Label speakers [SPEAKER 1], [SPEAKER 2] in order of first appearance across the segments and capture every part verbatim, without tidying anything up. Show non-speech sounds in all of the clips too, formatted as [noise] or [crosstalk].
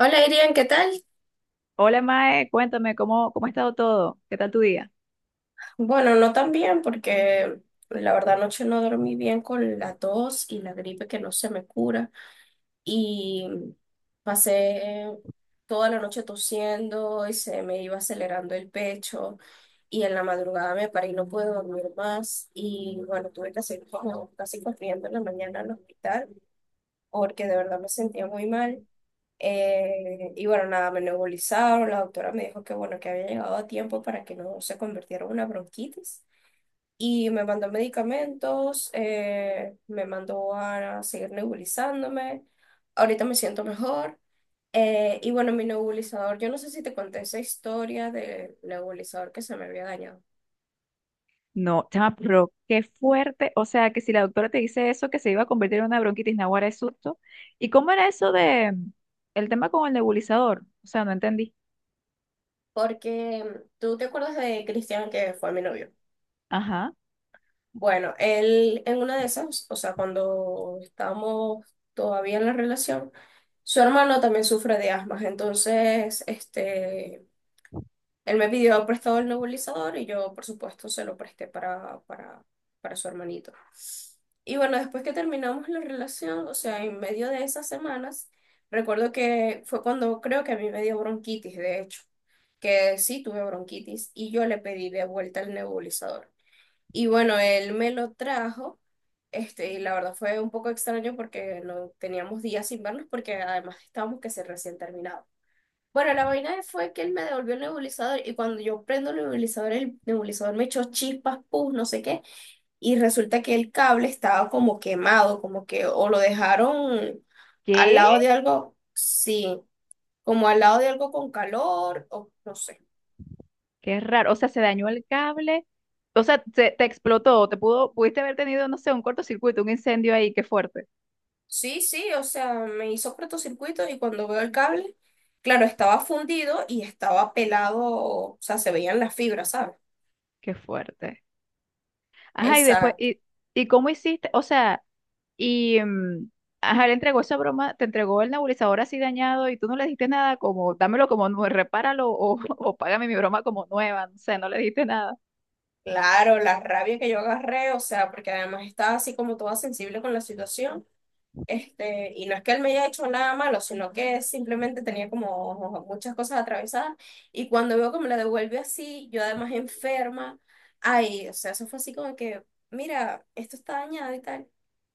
[SPEAKER 1] Hola Irian, ¿qué tal?
[SPEAKER 2] Hola Mae, cuéntame, ¿cómo, cómo ha estado todo? ¿Qué tal tu día?
[SPEAKER 1] Bueno, no tan bien porque la verdad anoche no dormí bien con la tos y la gripe que no se me cura y pasé toda la noche tosiendo y se me iba acelerando el pecho y en la madrugada me paré y no pude dormir más y bueno, tuve que hacer como casi corriendo en la mañana al hospital porque de verdad me sentía muy mal. Eh, y bueno, nada, me nebulizaron. La doctora me dijo que bueno, que había llegado a tiempo para que no se convirtiera en una bronquitis. Y me mandó medicamentos, eh, me mandó a seguir nebulizándome. Ahorita me siento mejor. Eh, y bueno, mi nebulizador, yo no sé si te conté esa historia del nebulizador que se me había dañado.
[SPEAKER 2] No, chama, pero qué fuerte. O sea, que si la doctora te dice eso, que se iba a convertir en una bronquitis naguara de susto. ¿Y cómo era eso de mm, el tema con el nebulizador? O sea, no entendí.
[SPEAKER 1] Porque mm, tú te acuerdas de Cristian que fue mi novio.
[SPEAKER 2] Ajá.
[SPEAKER 1] Bueno, él en una de esas, o sea, cuando estábamos todavía en la relación, su hermano también sufre de asma, entonces, este, él me pidió prestado el nebulizador y yo, por supuesto, se lo presté para, para, para su hermanito. Y bueno, después que terminamos la relación, o sea, en medio de esas semanas, recuerdo que fue cuando creo que a mí me dio bronquitis, de hecho, que sí tuve bronquitis y yo le pedí de vuelta el nebulizador. Y bueno, él me lo trajo, este, y la verdad fue un poco extraño porque no teníamos días sin vernos porque además estábamos que se recién terminado. Bueno, la vaina fue que él me devolvió el nebulizador y cuando yo prendo el nebulizador, el nebulizador me echó chispas, pus, no sé qué, y resulta que el cable estaba como quemado, como que o lo dejaron al
[SPEAKER 2] ¿Qué?
[SPEAKER 1] lado de algo, sí, como al lado de algo con calor o no sé.
[SPEAKER 2] Qué raro. O sea, se dañó el cable. O sea, se- te explotó. Te pudo, pudiste haber tenido, no sé, un cortocircuito, un incendio ahí. Qué fuerte.
[SPEAKER 1] Sí, sí, o sea, me hizo cortocircuito y cuando veo el cable, claro, estaba fundido y estaba pelado, o sea, se veían las fibras, ¿sabes?
[SPEAKER 2] Qué fuerte. Ajá, y después,
[SPEAKER 1] Exacto.
[SPEAKER 2] ¿y, ¿y cómo hiciste? O sea. Y mm, ajá, le entregó esa broma, te entregó el nebulizador así dañado y tú no le dijiste nada, como dámelo como nuevo, repáralo o, [laughs] o págame mi broma como nueva, no sé, no le dijiste nada.
[SPEAKER 1] Claro, la rabia que yo agarré, o sea, porque además estaba así como toda sensible con la situación. Este, y no es que él me haya hecho nada malo, sino que simplemente tenía como muchas cosas atravesadas. Y cuando veo que me la devuelve así, yo además enferma, ay, o sea, eso fue así como que, mira, esto está dañado y tal.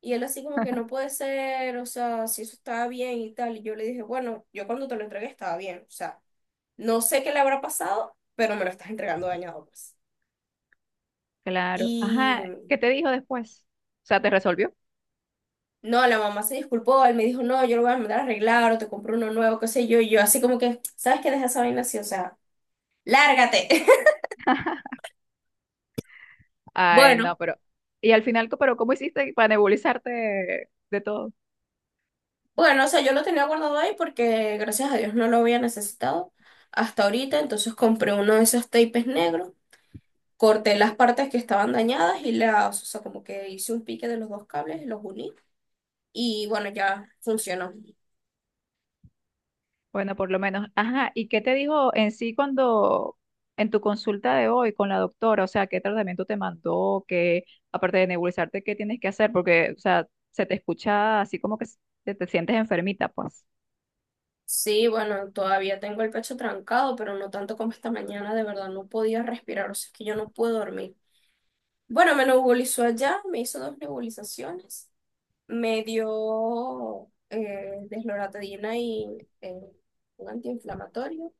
[SPEAKER 1] Y él así como que no puede ser, o sea, si eso estaba bien y tal. Y yo le dije, bueno, yo cuando te lo entregué estaba bien, o sea, no sé qué le habrá pasado, pero me lo estás entregando dañado, pues.
[SPEAKER 2] Claro, ajá, ¿qué te dijo después? O sea, ¿te resolvió?
[SPEAKER 1] No, la mamá se disculpó, él me dijo, no, yo lo voy a mandar a arreglar o te compro uno nuevo, qué sé yo, y yo así como que, ¿sabes qué? Deja esa vaina así, o sea, lárgate. [laughs]
[SPEAKER 2] Ay,
[SPEAKER 1] Bueno,
[SPEAKER 2] no, pero. Y al final, co- ¿pero cómo hiciste para nebulizarte de todo?
[SPEAKER 1] Bueno, o sea, yo lo tenía guardado ahí porque gracias a Dios no lo había necesitado hasta ahorita, entonces compré uno de esos tapes negros, corté las partes que estaban dañadas y las, o sea, como que hice un pique de los dos cables y los uní y bueno, ya funcionó.
[SPEAKER 2] Bueno, por lo menos. Ajá, ¿y qué te dijo en sí cuando en tu consulta de hoy con la doctora? O sea, ¿qué tratamiento te mandó? ¿Qué, aparte de nebulizarte, qué tienes que hacer? Porque, o sea, se te escucha así como que se- te, te sientes enfermita, pues.
[SPEAKER 1] Sí, bueno, todavía tengo el pecho trancado, pero no tanto como esta mañana, de verdad no podía respirar, o sea, es que yo no puedo dormir. Bueno, me nebulizó allá, me hizo dos nebulizaciones, me dio eh, desloratadina y eh, un antiinflamatorio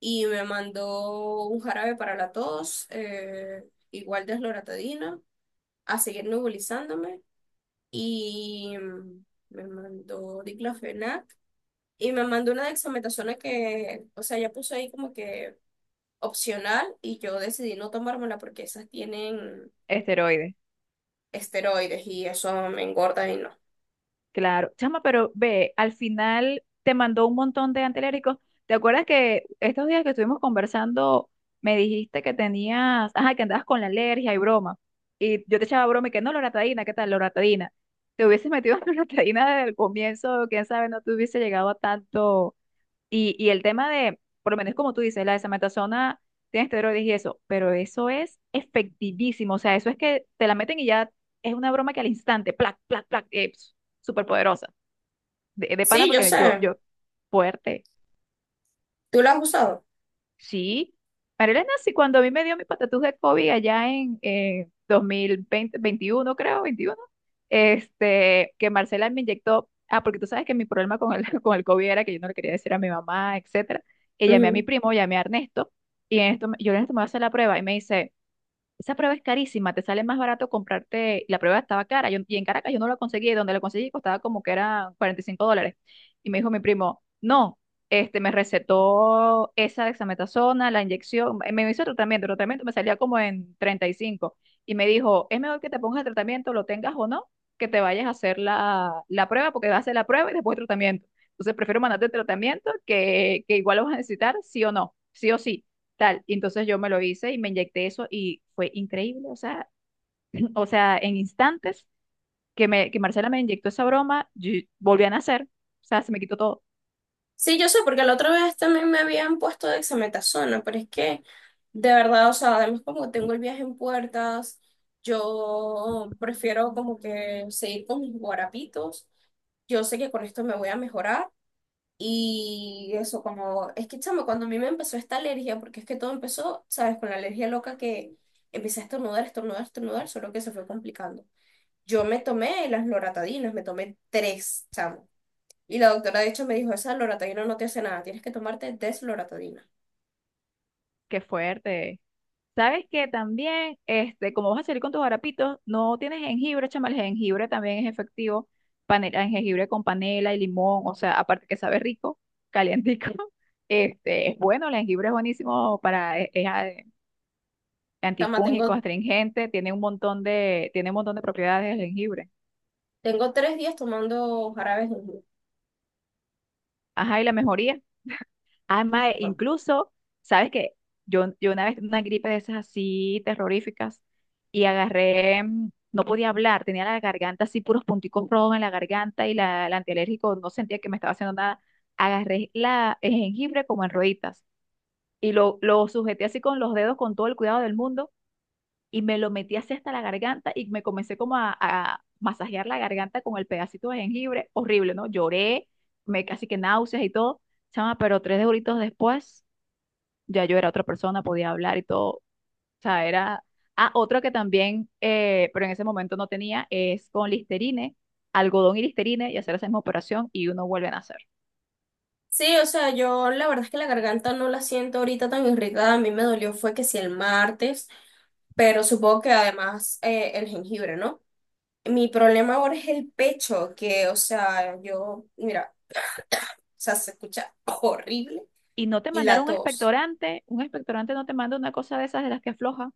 [SPEAKER 1] y me mandó un jarabe para la tos, eh, igual desloratadina, a seguir nebulizándome y mm, me mandó diclofenac y me mandó una dexametasona que, o sea, ya puso ahí como que opcional y yo decidí no tomármela porque esas tienen
[SPEAKER 2] Esteroides.
[SPEAKER 1] esteroides y eso me engorda y no.
[SPEAKER 2] Claro, chama, pero ve, al final te mandó un montón de antialérgicos. ¿Te acuerdas que estos días que estuvimos conversando me dijiste que tenías, ajá, que andabas con la alergia y broma? Y yo te echaba broma y que no, loratadina, ¿qué tal, loratadina? Te hubieses metido [laughs] en loratadina desde el comienzo, quién sabe, no te hubiese llegado a tanto y, y el tema de, por lo menos como tú dices, la desametasona tiene esteroides y eso, pero eso es efectivísimo. O sea, eso es que te la meten y ya es una broma que al instante, plac, plac, plac, eh, súper poderosa. De, de pana
[SPEAKER 1] Sí, yo
[SPEAKER 2] porque yo,
[SPEAKER 1] sé.
[SPEAKER 2] yo, fuerte.
[SPEAKER 1] ¿Tú la has usado?
[SPEAKER 2] Sí, Marilena, sí, cuando a mí me dio mi patatús de COVID allá en, en veinte veintiuno, creo, veintiuno, este, que Marcela me inyectó, ah, porque tú sabes que mi problema con el, [laughs] con el COVID era que yo no le quería decir a mi mamá, etcétera, que llamé a mi
[SPEAKER 1] Ujú.
[SPEAKER 2] primo, llamé a Ernesto, y Ernesto, me- yo Ernesto me voy a hacer la prueba, y me dice, esa prueba es carísima, te sale más barato comprarte, la prueba estaba cara, yo, y en Caracas yo no la conseguí, donde la conseguí costaba como que era cuarenta y cinco dólares. Y me dijo mi primo, no, este, me recetó esa dexametasona, la inyección, eh, me hizo tratamiento, el tratamiento me salía como en treinta y cinco y me dijo, es mejor que te pongas el tratamiento, lo tengas o no, que te vayas a hacer la, la prueba, porque vas a hacer la prueba y después el tratamiento. Entonces prefiero mandarte el tratamiento, que, que igual lo vas a necesitar, sí o no, sí o sí tal. Y entonces yo me lo hice y me inyecté eso y fue increíble, o sea, [clears throat] o sea, en instantes que, me, que Marcela me inyectó esa broma, yo volví a nacer, o sea, se me quitó todo.
[SPEAKER 1] Sí, yo sé, porque la otra vez también me habían puesto dexametasona, pero es que, de verdad, o sea, además como tengo el viaje en puertas, yo prefiero como que seguir con mis guarapitos. Yo sé que con esto me voy a mejorar. Y eso, como, es que, chamo, cuando a mí me empezó esta alergia, porque es que todo empezó, ¿sabes? Con la alergia loca que empecé a estornudar, estornudar, estornudar, solo que se fue complicando. Yo me tomé las loratadinas, me tomé tres, chamo. Y la doctora de hecho me dijo, esa loratadina no te hace nada, tienes que tomarte desloratadina.
[SPEAKER 2] Qué fuerte. Sabes que también, este, como vas a salir con tus harapitos, no tienes jengibre, chama, el jengibre también es efectivo, panela, jengibre con panela y limón, o sea, aparte que sabe rico, calientico, [laughs] este, es bueno, el jengibre es buenísimo para, es, es a-
[SPEAKER 1] Tama,
[SPEAKER 2] antifúngico,
[SPEAKER 1] tengo,
[SPEAKER 2] astringente, tiene un montón de, tiene un montón de propiedades el jengibre.
[SPEAKER 1] tengo tres días tomando jarabes de jengibre.
[SPEAKER 2] Ajá, y la mejoría. Además,
[SPEAKER 1] Bueno,
[SPEAKER 2] incluso, ¿sabes qué? Yo, yo una vez tuve una gripe de esas así terroríficas y agarré, mm, no podía hablar, tenía la garganta así, puros punticos rojos en la garganta y la, el antialérgico no sentía que me estaba haciendo nada. Agarré la, el jengibre como en rueditas y lo, lo sujeté así con los dedos con todo el cuidado del mundo y me lo metí así hasta la garganta y me comencé como a, a masajear la garganta con el pedacito de jengibre, horrible, ¿no? Lloré, me casi que náuseas y todo, chama, pero tres horitos después ya yo era otra persona, podía hablar y todo, o sea, era... Ah, otro que también, eh, pero en ese momento no tenía, es con Listerine, algodón y Listerine y hacer esa misma operación y uno vuelve a nacer.
[SPEAKER 1] sí, o sea, yo la verdad es que la garganta no la siento ahorita tan irritada. A mí me dolió fue que sí el martes, pero supongo que además eh, el jengibre, ¿no? Mi problema ahora es el pecho, que, o sea, yo, mira, o sea, se escucha horrible
[SPEAKER 2] Y no te
[SPEAKER 1] y la
[SPEAKER 2] mandaron un
[SPEAKER 1] tos.
[SPEAKER 2] expectorante, un expectorante no te manda una cosa de esas de las que afloja.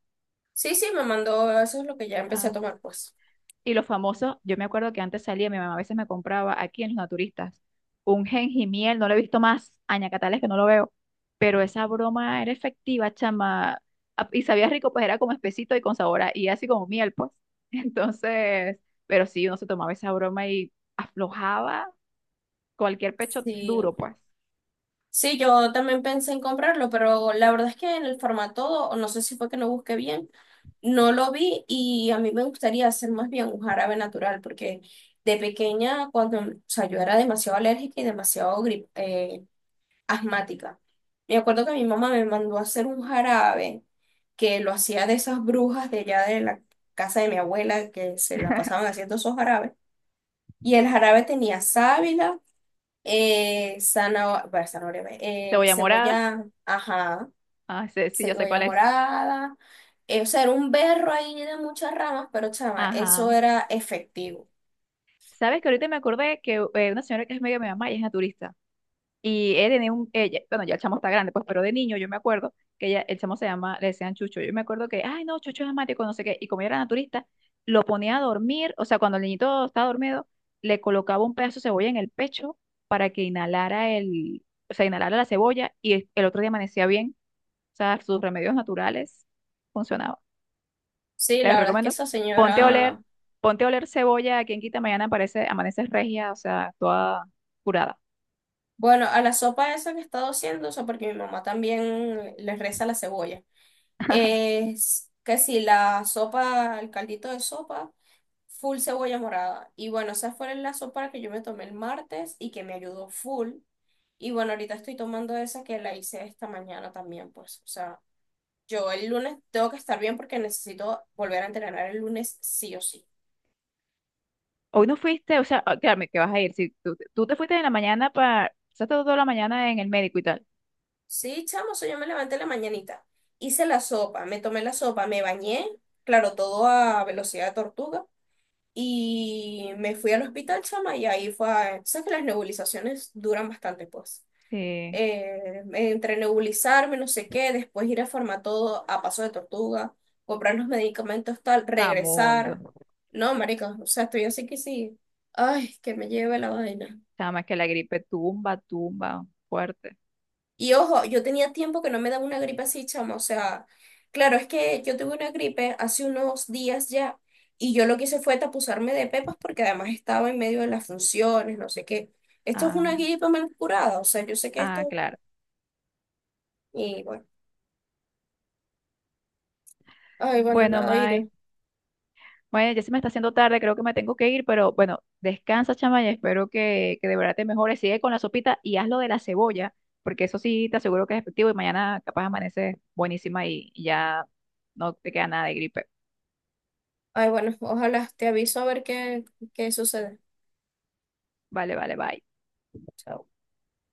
[SPEAKER 1] Sí, sí, me mandó, eso es lo que ya empecé a
[SPEAKER 2] Ah,
[SPEAKER 1] tomar, pues.
[SPEAKER 2] Y los famosos, yo me acuerdo que antes salía, mi mamá a veces me compraba aquí en los naturistas un miel, no lo he visto más, añacatales que no lo veo, pero esa broma era efectiva, chama, a- y sabía rico, pues era como espesito y con sabor, a- y así como miel, pues. [laughs] Entonces, pero sí, uno se tomaba esa broma y aflojaba cualquier pecho
[SPEAKER 1] Sí,
[SPEAKER 2] duro, pues.
[SPEAKER 1] sí, yo también pensé en comprarlo, pero la verdad es que en el formato, o no sé si fue que no busqué bien, no lo vi y a mí me gustaría hacer más bien un jarabe natural, porque de pequeña, cuando, o sea, yo era demasiado alérgica y demasiado gri- eh, asmática. Me acuerdo que mi mamá me mandó a hacer un jarabe que lo hacía de esas brujas de allá de la casa de mi abuela que se la pasaban haciendo esos jarabes. Y el jarabe tenía sábila, eh, zanahoria, bueno, zanahoria, eh,
[SPEAKER 2] Cebolla morada,
[SPEAKER 1] cebolla, ajá,
[SPEAKER 2] ah, sí, sí, yo sé
[SPEAKER 1] cebolla
[SPEAKER 2] cuál es.
[SPEAKER 1] morada. eh, o sea, era un berro ahí de muchas ramas, pero chama, eso
[SPEAKER 2] Ajá.
[SPEAKER 1] era efectivo.
[SPEAKER 2] ¿Sabes que ahorita me acordé que eh, una señora que es medio mi mamá y es naturista? Y él tenía un, ella, bueno, ya el chamo está grande, pues, pero de niño yo me acuerdo que ella, el chamo se llama, le decían Chucho. Yo me acuerdo que, ay, no, Chucho es asmático, no sé qué. Y como yo era naturista, lo ponía a dormir, o sea, cuando el niñito estaba dormido, le colocaba un pedazo de cebolla en el pecho para que inhalara el, o sea, inhalara la cebolla y el, el otro día amanecía bien. O sea, sus remedios naturales funcionaban.
[SPEAKER 1] Sí,
[SPEAKER 2] Te
[SPEAKER 1] la verdad es que
[SPEAKER 2] recomiendo,
[SPEAKER 1] esa
[SPEAKER 2] ponte a oler,
[SPEAKER 1] señora,
[SPEAKER 2] ponte a oler cebolla, quien quita mañana aparece, amaneces regia, o sea, toda curada.
[SPEAKER 1] bueno, a la sopa esa que he estado haciendo, o sea, porque mi mamá también le reza la cebolla. Es que si la sopa, el caldito de sopa. Full cebolla morada. Y bueno, esa fue la sopa que yo me tomé el martes y que me ayudó full. Y bueno, ahorita estoy tomando esa que la hice esta mañana también, pues. O sea, yo el lunes tengo que estar bien porque necesito volver a entrenar el lunes sí o sí.
[SPEAKER 2] Hoy no fuiste, o sea, ah, créame que vas a ir. Si tú, tú te fuiste en la mañana para. Pasaste toda la mañana en el médico y tal.
[SPEAKER 1] Sí, chamo, o sea, yo me levanté en la mañanita, hice la sopa, me tomé la sopa, me bañé, claro, todo a velocidad de tortuga. Y me fui al hospital, chama, y ahí fue. a- Sabes que las nebulizaciones duran bastante, pues.
[SPEAKER 2] Sí.
[SPEAKER 1] eh, entre nebulizarme, no sé qué, después ir a todo a Paso de Tortuga, comprar los medicamentos, tal,
[SPEAKER 2] Ah,
[SPEAKER 1] regresar.
[SPEAKER 2] mundo.
[SPEAKER 1] No, marica, o sea, estoy así que sí. Ay, que me lleve la vaina.
[SPEAKER 2] Nada más que la gripe tumba, tumba, fuerte.
[SPEAKER 1] Y ojo, yo tenía tiempo que no me daba una gripe así, chama, o sea, claro, es que yo tuve una gripe hace unos días ya y yo lo que hice fue tapuzarme de pepas porque además estaba en medio de las funciones, no sé qué. Esto es
[SPEAKER 2] Ah,
[SPEAKER 1] una gripe mal curada, o sea, yo sé que
[SPEAKER 2] ah,
[SPEAKER 1] esto...
[SPEAKER 2] claro.
[SPEAKER 1] Y bueno, ay, bueno,
[SPEAKER 2] Bueno,
[SPEAKER 1] nada, iré.
[SPEAKER 2] Mae. Bueno, ya se me está haciendo tarde, creo que me tengo que ir, pero bueno, descansa, chama, y espero que, que de verdad te mejores. Sigue con la sopita y haz lo de la cebolla, porque eso sí te aseguro que es efectivo y mañana capaz amaneces buenísima y y ya no te queda nada de gripe.
[SPEAKER 1] Ay, bueno, ojalá te aviso a ver qué, qué sucede.
[SPEAKER 2] Vale, vale, bye.
[SPEAKER 1] Chao.